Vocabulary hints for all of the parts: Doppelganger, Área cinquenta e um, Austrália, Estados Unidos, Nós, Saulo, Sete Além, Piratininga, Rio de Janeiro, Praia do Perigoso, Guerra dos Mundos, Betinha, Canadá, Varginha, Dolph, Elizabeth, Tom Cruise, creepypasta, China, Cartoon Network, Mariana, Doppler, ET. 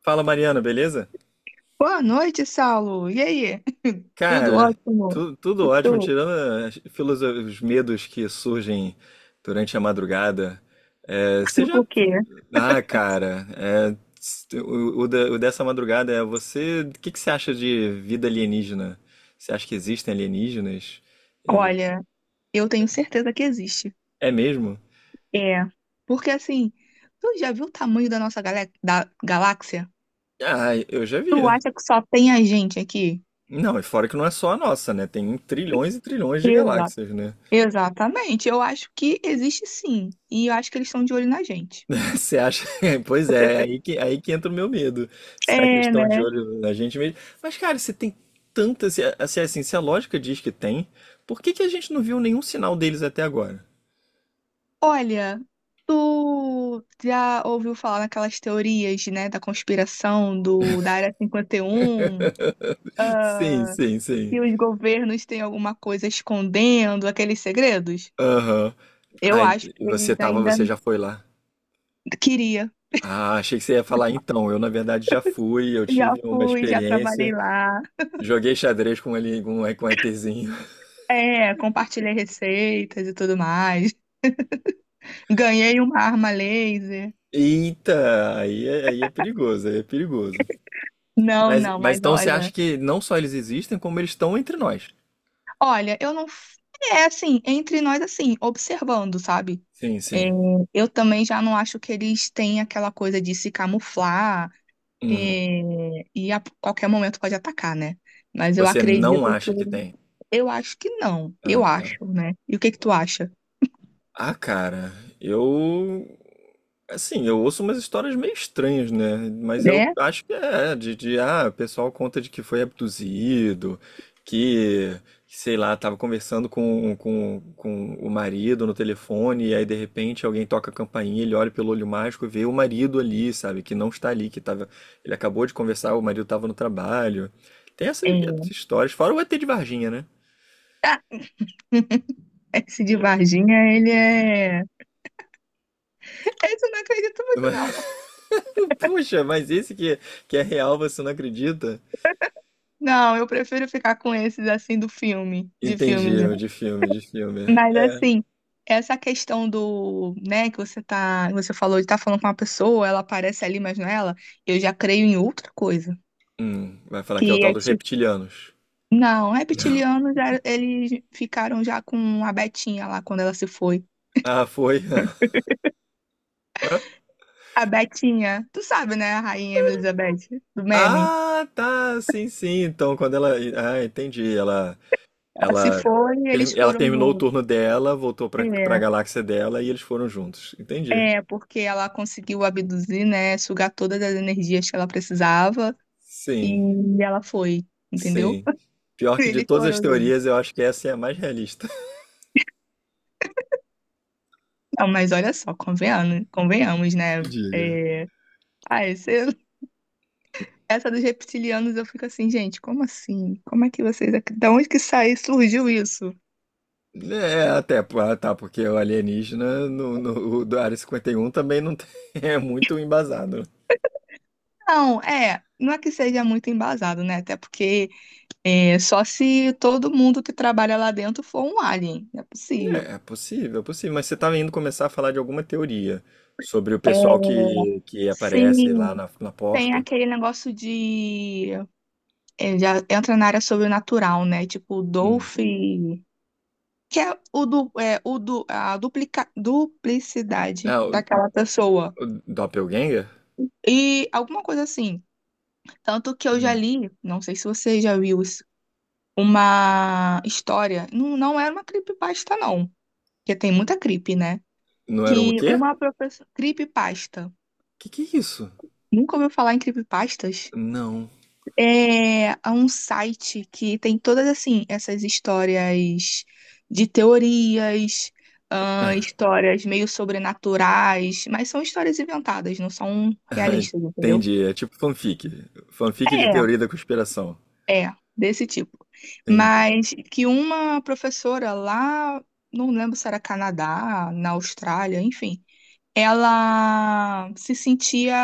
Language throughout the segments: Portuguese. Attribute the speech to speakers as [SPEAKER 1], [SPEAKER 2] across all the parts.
[SPEAKER 1] Fala, Mariana, beleza?
[SPEAKER 2] Boa noite, Saulo. E aí? Tudo
[SPEAKER 1] Cara,
[SPEAKER 2] ótimo?
[SPEAKER 1] tudo
[SPEAKER 2] E
[SPEAKER 1] ótimo,
[SPEAKER 2] tu?
[SPEAKER 1] tirando os medos que surgem durante a madrugada. É, você já.
[SPEAKER 2] Por quê?
[SPEAKER 1] Ah, cara, é, o dessa madrugada é você. O que que você acha de vida alienígena? Você acha que existem alienígenas? Ele.
[SPEAKER 2] Olha, eu tenho certeza que existe.
[SPEAKER 1] É mesmo?
[SPEAKER 2] É. Porque assim, tu já viu o tamanho da nossa da galáxia?
[SPEAKER 1] Ah, eu já
[SPEAKER 2] Tu
[SPEAKER 1] vi.
[SPEAKER 2] acha que só tem a gente aqui?
[SPEAKER 1] Não, e fora que não é só a nossa, né? Tem trilhões e trilhões de
[SPEAKER 2] Exato.
[SPEAKER 1] galáxias, né?
[SPEAKER 2] Exatamente. Eu acho que existe sim. E eu acho que eles estão de olho na gente.
[SPEAKER 1] Você acha? Pois é, é aí que entra o meu medo. Será que eles
[SPEAKER 2] É,
[SPEAKER 1] estão de
[SPEAKER 2] né?
[SPEAKER 1] olho na gente mesmo? Mas, cara, se tem tanta. Se, a- se, Assim, se a lógica diz que tem, por que que a gente não viu nenhum sinal deles até agora?
[SPEAKER 2] Olha, tu já ouviu falar naquelas teorias, né, da conspiração do da Área 51?
[SPEAKER 1] Sim, sim, sim.
[SPEAKER 2] Que os governos têm alguma coisa escondendo aqueles segredos?
[SPEAKER 1] Aham.
[SPEAKER 2] Eu
[SPEAKER 1] Ai,
[SPEAKER 2] acho que eles ainda
[SPEAKER 1] você já foi lá.
[SPEAKER 2] queria.
[SPEAKER 1] Ah, achei que você ia falar então. Eu, na verdade, já fui, eu
[SPEAKER 2] Já
[SPEAKER 1] tive uma
[SPEAKER 2] fui, já trabalhei
[SPEAKER 1] experiência.
[SPEAKER 2] lá.
[SPEAKER 1] Joguei xadrez com ele, com um ETzinho.
[SPEAKER 2] É, compartilhei receitas e tudo mais. Ganhei uma arma laser.
[SPEAKER 1] Eita, aí é perigoso, aí é perigoso.
[SPEAKER 2] Não,
[SPEAKER 1] Mas,
[SPEAKER 2] não,
[SPEAKER 1] mas
[SPEAKER 2] mas
[SPEAKER 1] então você acha
[SPEAKER 2] olha,
[SPEAKER 1] que não só eles existem, como eles estão entre nós?
[SPEAKER 2] olha, eu não. É assim, entre nós, assim, observando, sabe?
[SPEAKER 1] Sim,
[SPEAKER 2] É,
[SPEAKER 1] sim.
[SPEAKER 2] eu também já não acho que eles têm aquela coisa de se camuflar,
[SPEAKER 1] Uhum.
[SPEAKER 2] é, e a qualquer momento pode atacar, né? Mas eu
[SPEAKER 1] Você não
[SPEAKER 2] acredito que
[SPEAKER 1] acha que tem?
[SPEAKER 2] eu acho que não.
[SPEAKER 1] Ah,
[SPEAKER 2] Eu
[SPEAKER 1] tá.
[SPEAKER 2] acho, né? E o que que tu acha?
[SPEAKER 1] Ah, cara, eu. Assim, eu ouço umas histórias meio estranhas, né? Mas eu
[SPEAKER 2] Né?
[SPEAKER 1] acho que o pessoal conta de que foi abduzido, que, sei lá, tava conversando com o marido no telefone, e aí de repente alguém toca a campainha, ele olha pelo olho mágico e vê o marido ali, sabe? Que não está ali, que tava. Ele acabou de conversar, o marido tava no trabalho. Tem essas,
[SPEAKER 2] É.
[SPEAKER 1] essas histórias, fora o ET de Varginha, né?
[SPEAKER 2] Ah, esse de
[SPEAKER 1] Pô,
[SPEAKER 2] Varginha, ele é. Esse eu não acredito muito, não.
[SPEAKER 1] Puxa, mas esse que é real, você não acredita?
[SPEAKER 2] Não, eu prefiro ficar com esses assim do filme, de
[SPEAKER 1] Entendi,
[SPEAKER 2] filmes, né?
[SPEAKER 1] eu de filme, de filme.
[SPEAKER 2] Mas
[SPEAKER 1] É.
[SPEAKER 2] assim, essa questão do, né, que você falou de estar falando com uma pessoa, ela aparece ali, mas não é ela, eu já creio em outra coisa.
[SPEAKER 1] Vai falar que é o
[SPEAKER 2] Que
[SPEAKER 1] tal
[SPEAKER 2] é
[SPEAKER 1] dos
[SPEAKER 2] tipo,
[SPEAKER 1] reptilianos.
[SPEAKER 2] não, reptilianos, eles ficaram já com a Betinha lá quando ela se foi.
[SPEAKER 1] Ah, foi.
[SPEAKER 2] A Betinha, tu sabe, né, a rainha Elizabeth, do meme?
[SPEAKER 1] Ah, tá, sim, sim. Então, quando ela. Ah, entendi.
[SPEAKER 2] Ela se
[SPEAKER 1] Ela,
[SPEAKER 2] foi e eles
[SPEAKER 1] ela
[SPEAKER 2] foram
[SPEAKER 1] terminou o
[SPEAKER 2] juntos.
[SPEAKER 1] turno dela, voltou pra
[SPEAKER 2] É,
[SPEAKER 1] galáxia dela e eles foram juntos. Entendi.
[SPEAKER 2] é, porque ela conseguiu abduzir, né, sugar todas as energias que ela precisava e
[SPEAKER 1] Sim,
[SPEAKER 2] ela foi, entendeu?
[SPEAKER 1] sim. Pior que de
[SPEAKER 2] Eles
[SPEAKER 1] todas as
[SPEAKER 2] foram juntos.
[SPEAKER 1] teorias, eu acho que essa é a mais realista.
[SPEAKER 2] Não, mas olha só, convenhamos, convenhamos, né?
[SPEAKER 1] Diga.
[SPEAKER 2] Ah, esse- essa dos reptilianos eu fico assim, gente, como assim? Como é que vocês, da onde que saiu, surgiu isso?
[SPEAKER 1] É, até, pô, ah, tá, porque o alienígena no, no, o da Área cinquenta e um também não tem, é muito embasado.
[SPEAKER 2] Não, é, não é que seja muito embasado, né? Até porque é só se todo mundo que trabalha lá dentro for um alien, é possível.
[SPEAKER 1] É, é possível, mas você estava indo começar a falar de alguma teoria sobre o pessoal
[SPEAKER 2] É,
[SPEAKER 1] que aparece lá
[SPEAKER 2] sim,
[SPEAKER 1] na
[SPEAKER 2] tem
[SPEAKER 1] porta.
[SPEAKER 2] aquele negócio de. É, já entra na área sobrenatural, né? Tipo, o
[SPEAKER 1] Hum.
[SPEAKER 2] Dolph. Que é, o do, a duplica, duplicidade
[SPEAKER 1] Ah, o,
[SPEAKER 2] daquela pessoa.
[SPEAKER 1] o Doppelganger?
[SPEAKER 2] E alguma coisa assim. Tanto que eu já
[SPEAKER 1] Hum.
[SPEAKER 2] li, não sei se você já viu isso, uma história. Não, não era uma creepypasta, não. Porque tem muita creep, né?
[SPEAKER 1] Não era um
[SPEAKER 2] Que
[SPEAKER 1] quê?
[SPEAKER 2] uma professora. Creepypasta.
[SPEAKER 1] Que é isso?
[SPEAKER 2] Nunca ouviu falar em creepypastas?
[SPEAKER 1] Não.
[SPEAKER 2] É, é um site que tem todas assim essas histórias de teorias, histórias meio sobrenaturais, mas são histórias inventadas, não são
[SPEAKER 1] Ah,
[SPEAKER 2] realistas, entendeu?
[SPEAKER 1] entendi, é tipo fanfic. Fanfic de teoria da conspiração.
[SPEAKER 2] É, é, desse tipo.
[SPEAKER 1] Entendi.
[SPEAKER 2] Mas que uma professora lá, não lembro se era Canadá, na Austrália, enfim, ela se sentia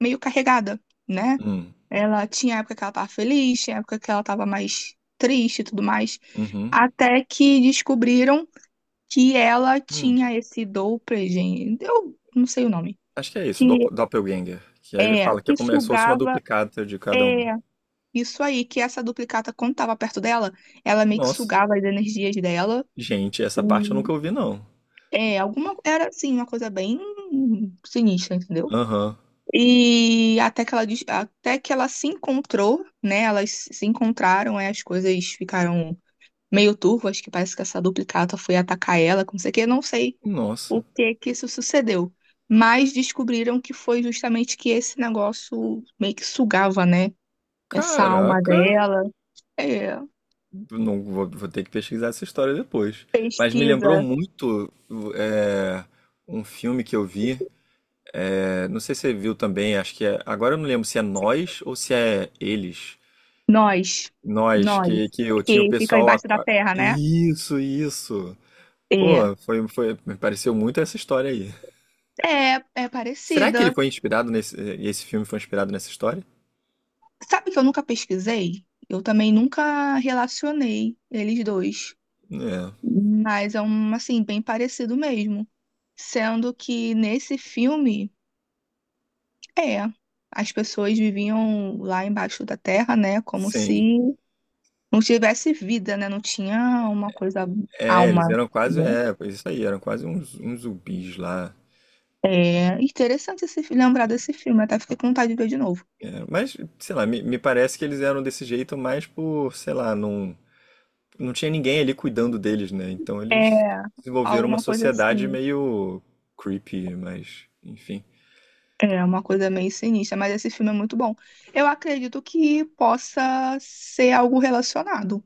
[SPEAKER 2] meio carregada, né?
[SPEAKER 1] Hum.
[SPEAKER 2] Ela tinha época que ela tava feliz, tinha época que ela tava mais triste e tudo mais.
[SPEAKER 1] Uhum.
[SPEAKER 2] Até que descobriram que ela
[SPEAKER 1] Hum.
[SPEAKER 2] tinha esse Doppler, gente. Eu não sei o nome.
[SPEAKER 1] Acho que é isso,
[SPEAKER 2] Que
[SPEAKER 1] Doppelganger. Que aí
[SPEAKER 2] é,
[SPEAKER 1] fala que é
[SPEAKER 2] que
[SPEAKER 1] como se fosse uma
[SPEAKER 2] sugava.
[SPEAKER 1] duplicata de cada um.
[SPEAKER 2] É, isso aí, que essa duplicata, quando tava perto dela, ela meio que
[SPEAKER 1] Nossa,
[SPEAKER 2] sugava as energias dela.
[SPEAKER 1] gente, essa parte eu nunca
[SPEAKER 2] E,
[SPEAKER 1] ouvi, não.
[SPEAKER 2] é, alguma. Era assim, uma coisa bem sinistra, entendeu?
[SPEAKER 1] Aham.
[SPEAKER 2] E até que ela, até que ela se encontrou, né? Elas se encontraram, é, as coisas ficaram meio turvo, acho que parece que essa duplicata foi atacar ela, com não sei o que, não sei
[SPEAKER 1] Nossa.
[SPEAKER 2] o que que isso sucedeu. Mas descobriram que foi justamente que esse negócio meio que sugava, né? Essa alma
[SPEAKER 1] Caraca,
[SPEAKER 2] dela. É,
[SPEAKER 1] não vou, vou ter que pesquisar essa história depois. Mas me lembrou
[SPEAKER 2] pesquisa.
[SPEAKER 1] muito é, um filme que eu vi. Não sei se você viu também, acho que é. Agora eu não lembro se é Nós ou se é Eles.
[SPEAKER 2] Nós.
[SPEAKER 1] Nós,
[SPEAKER 2] Nós.
[SPEAKER 1] que eu tinha o
[SPEAKER 2] Que fica
[SPEAKER 1] pessoal.
[SPEAKER 2] embaixo da terra, né?
[SPEAKER 1] Isso, isso.
[SPEAKER 2] É.
[SPEAKER 1] Pô, foi, me pareceu muito essa história aí.
[SPEAKER 2] É, é
[SPEAKER 1] Será que ele
[SPEAKER 2] parecida.
[SPEAKER 1] foi inspirado nesse, e esse filme foi inspirado nessa história?
[SPEAKER 2] Sabe que eu nunca pesquisei? Eu também nunca relacionei eles dois.
[SPEAKER 1] É,
[SPEAKER 2] Mas é um, assim, bem parecido mesmo. Sendo que nesse filme, é, as pessoas viviam lá embaixo da terra, né? Como se
[SPEAKER 1] sim.
[SPEAKER 2] não tivesse vida, né? Não tinha uma coisa,
[SPEAKER 1] É, eles
[SPEAKER 2] alma,
[SPEAKER 1] eram quase.
[SPEAKER 2] né?
[SPEAKER 1] É, pois isso aí, eram quase uns zumbis lá.
[SPEAKER 2] É interessante esse, lembrar desse filme, até fiquei com vontade de ver de novo.
[SPEAKER 1] É, mas, sei lá, me parece que eles eram desse jeito mais por, sei lá, não, não tinha ninguém ali cuidando deles, né? Então eles
[SPEAKER 2] É,
[SPEAKER 1] desenvolveram uma
[SPEAKER 2] alguma coisa
[SPEAKER 1] sociedade
[SPEAKER 2] assim.
[SPEAKER 1] meio creepy, mas, enfim.
[SPEAKER 2] É uma coisa meio sinistra, mas esse filme é muito bom. Eu acredito que possa ser algo relacionado.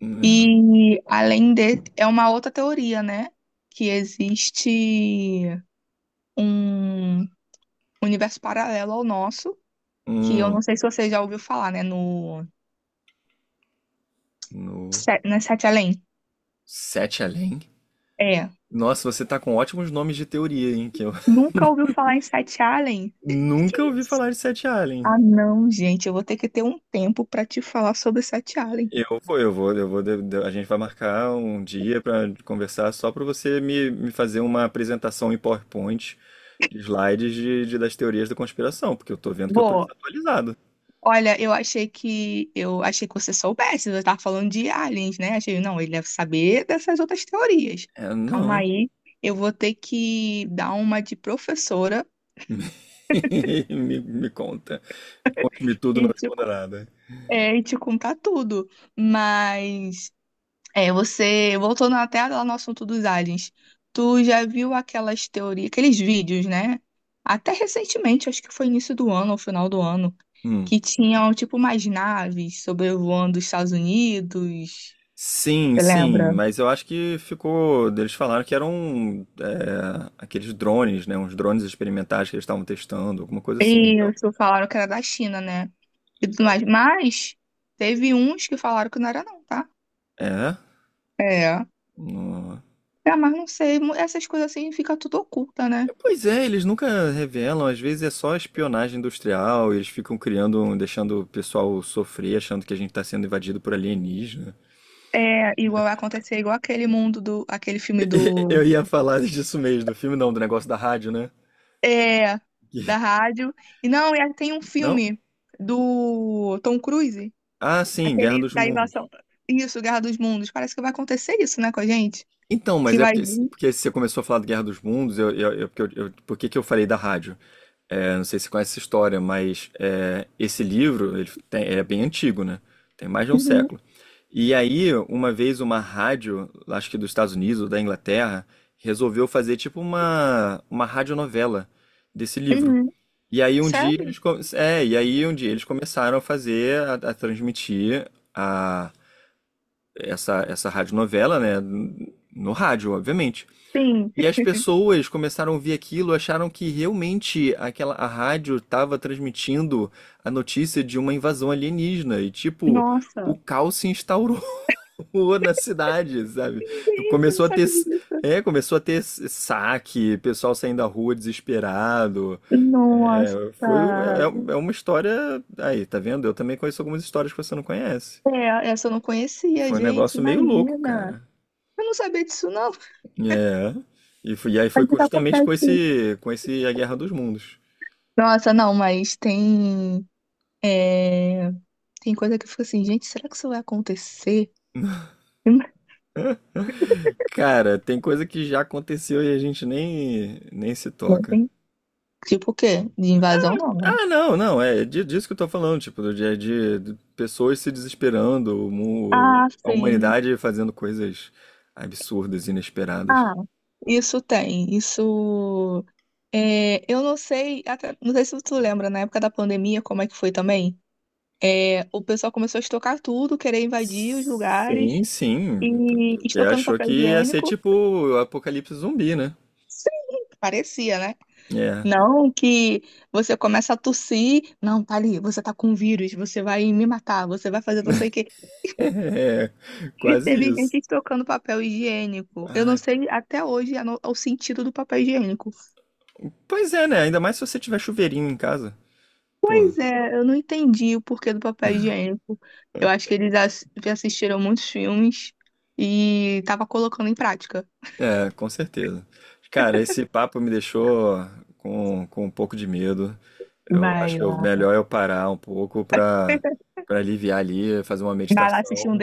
[SPEAKER 1] É.
[SPEAKER 2] E além de, é uma outra teoria, né? Que existe um universo paralelo ao nosso, que eu
[SPEAKER 1] Hum,
[SPEAKER 2] não sei se você já ouviu falar, né? No,
[SPEAKER 1] no
[SPEAKER 2] Não é Sete Além?
[SPEAKER 1] Sete Além?
[SPEAKER 2] É.
[SPEAKER 1] Nossa, você tá com ótimos nomes de teoria, hein? Que eu
[SPEAKER 2] Nunca ouviu falar em Sete Além?
[SPEAKER 1] nunca
[SPEAKER 2] Que-
[SPEAKER 1] ouvi falar de Sete Além.
[SPEAKER 2] ah, não, gente, eu vou ter que ter um tempo para te falar sobre Sete Além.
[SPEAKER 1] Eu vou, eu vou, eu vou. A gente vai marcar um dia para conversar só para você me fazer uma apresentação em PowerPoint, de slides das teorias da conspiração, porque eu tô vendo que eu tô
[SPEAKER 2] Vou.
[SPEAKER 1] desatualizado.
[SPEAKER 2] Olha, eu achei que você soubesse, você tava falando de aliens, né? Achei, não, ele deve saber dessas outras teorias.
[SPEAKER 1] É,
[SPEAKER 2] Calma
[SPEAKER 1] não.
[SPEAKER 2] aí, eu vou ter que dar uma de professora
[SPEAKER 1] Me conta. Conte-me tudo, não
[SPEAKER 2] e te,
[SPEAKER 1] esconda nada.
[SPEAKER 2] e te contar tudo. Mas é, você voltando até lá no assunto dos aliens. Tu já viu aquelas teorias, aqueles vídeos, né? Até recentemente, acho que foi início do ano ou final do ano,
[SPEAKER 1] Hum.
[SPEAKER 2] que tinham tipo umas naves sobrevoando os Estados Unidos.
[SPEAKER 1] Sim,
[SPEAKER 2] Você
[SPEAKER 1] sim,
[SPEAKER 2] lembra?
[SPEAKER 1] mas eu acho que ficou. Eles falaram que eram aqueles drones, né? Uns drones experimentais que eles estavam testando, alguma coisa assim. Então,
[SPEAKER 2] Isso, falaram que era da China, né? E tudo mais. Mas teve uns que falaram que não era, não, tá?
[SPEAKER 1] é.
[SPEAKER 2] É.
[SPEAKER 1] No-
[SPEAKER 2] É, mas não sei, essas coisas assim fica tudo oculta, né?
[SPEAKER 1] Pois é, eles nunca revelam, às vezes é só espionagem industrial, eles ficam criando, deixando o pessoal sofrer, achando que a gente tá sendo invadido por alienígena.
[SPEAKER 2] É, igual vai acontecer, igual aquele mundo do, aquele filme do,
[SPEAKER 1] Eu ia falar disso mesmo, do filme não, do negócio da rádio, né?
[SPEAKER 2] é,
[SPEAKER 1] Que-
[SPEAKER 2] da rádio. E não, e aí tem um
[SPEAKER 1] Não?
[SPEAKER 2] filme do Tom Cruise,
[SPEAKER 1] Ah, sim, Guerra
[SPEAKER 2] aquele
[SPEAKER 1] dos
[SPEAKER 2] da
[SPEAKER 1] Mundos.
[SPEAKER 2] invasão, isso, Guerra dos Mundos. Parece que vai acontecer isso, né, com a gente?
[SPEAKER 1] Então,
[SPEAKER 2] Que
[SPEAKER 1] mas é
[SPEAKER 2] vai
[SPEAKER 1] porque,
[SPEAKER 2] vir.
[SPEAKER 1] porque você começou a falar de Guerra dos Mundos, por que que eu falei da rádio? É, não sei se você conhece essa história, mas esse livro ele é bem antigo, né? Tem mais de um
[SPEAKER 2] Uhum,
[SPEAKER 1] século. E aí, uma vez, uma rádio, acho que dos Estados Unidos ou da Inglaterra, resolveu fazer tipo uma radionovela desse livro.
[SPEAKER 2] uhum.
[SPEAKER 1] E aí um dia
[SPEAKER 2] Sério?
[SPEAKER 1] eles, co- é, e aí um dia eles começaram a fazer, a transmitir a, essa radionovela, né? No rádio, obviamente.
[SPEAKER 2] Sim.
[SPEAKER 1] E as pessoas começaram a ouvir aquilo, acharam que realmente aquela a rádio estava transmitindo a notícia de uma invasão alienígena e tipo, o
[SPEAKER 2] Nossa.
[SPEAKER 1] caos se instaurou na cidade, sabe?
[SPEAKER 2] Gente, eu não
[SPEAKER 1] Começou a ter
[SPEAKER 2] sabia disso.
[SPEAKER 1] saque, pessoal saindo da rua desesperado.
[SPEAKER 2] Nossa,
[SPEAKER 1] É, foi uma história aí, tá vendo? Eu também conheço algumas histórias que você não conhece.
[SPEAKER 2] é, essa eu não conhecia,
[SPEAKER 1] Foi um
[SPEAKER 2] gente,
[SPEAKER 1] negócio meio louco,
[SPEAKER 2] imagina.
[SPEAKER 1] cara.
[SPEAKER 2] Eu não sabia disso, não.
[SPEAKER 1] É. E aí foi
[SPEAKER 2] Mas que tá
[SPEAKER 1] justamente com
[SPEAKER 2] acontecendo?
[SPEAKER 1] esse, com esse A Guerra dos Mundos.
[SPEAKER 2] Nossa, não, mas tem, é, tem coisa que eu fico assim, gente, será que isso vai acontecer?
[SPEAKER 1] Cara, tem coisa que já aconteceu e a gente nem se
[SPEAKER 2] Não
[SPEAKER 1] toca.
[SPEAKER 2] tem. Tipo o quê? De invasão, não, né?
[SPEAKER 1] Ah, não, não, é disso que eu tô falando, tipo, do dia de pessoas se desesperando,
[SPEAKER 2] Ah,
[SPEAKER 1] a
[SPEAKER 2] sim.
[SPEAKER 1] humanidade fazendo coisas absurdas, inesperadas.
[SPEAKER 2] Ah, isso tem, isso... É, eu não sei, não sei se tu lembra, na época da pandemia, como é que foi também? É, o pessoal começou a estocar tudo, querer invadir os lugares.
[SPEAKER 1] Sim, sim,
[SPEAKER 2] E
[SPEAKER 1] porque
[SPEAKER 2] estocando
[SPEAKER 1] achou
[SPEAKER 2] papel
[SPEAKER 1] que ia ser
[SPEAKER 2] higiênico.
[SPEAKER 1] tipo o apocalipse zumbi, né?
[SPEAKER 2] Sim, parecia, né?
[SPEAKER 1] É,
[SPEAKER 2] Não que você começa a tossir, não, tá ali, você tá com um vírus, você vai me matar, você vai fazer não sei o quê.
[SPEAKER 1] é,
[SPEAKER 2] E
[SPEAKER 1] quase
[SPEAKER 2] teve gente
[SPEAKER 1] isso.
[SPEAKER 2] estocando papel higiênico. Eu não
[SPEAKER 1] Ah,
[SPEAKER 2] sei até hoje a no- o sentido do papel higiênico.
[SPEAKER 1] pois é, né? Ainda mais se você tiver chuveirinho em casa. Pô.
[SPEAKER 2] Pois é, eu não entendi o porquê do papel higiênico. Eu acho que eles assistiram muitos filmes e tava colocando em prática.
[SPEAKER 1] É, com certeza. Cara, esse papo me deixou com um pouco de medo. Eu acho
[SPEAKER 2] Vai
[SPEAKER 1] que é o
[SPEAKER 2] lá.
[SPEAKER 1] melhor eu parar um pouco para aliviar ali, fazer uma
[SPEAKER 2] Vai lá assistir um
[SPEAKER 1] meditação.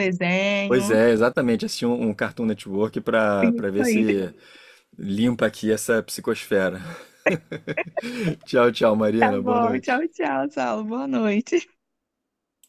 [SPEAKER 1] Pois é, exatamente, assistir um Cartoon Network para
[SPEAKER 2] Isso
[SPEAKER 1] ver
[SPEAKER 2] aí.
[SPEAKER 1] se limpa aqui essa psicosfera. Tchau, tchau,
[SPEAKER 2] Tá
[SPEAKER 1] Mariana. Boa
[SPEAKER 2] bom, tchau,
[SPEAKER 1] noite.
[SPEAKER 2] tchau, Saulo. Boa noite.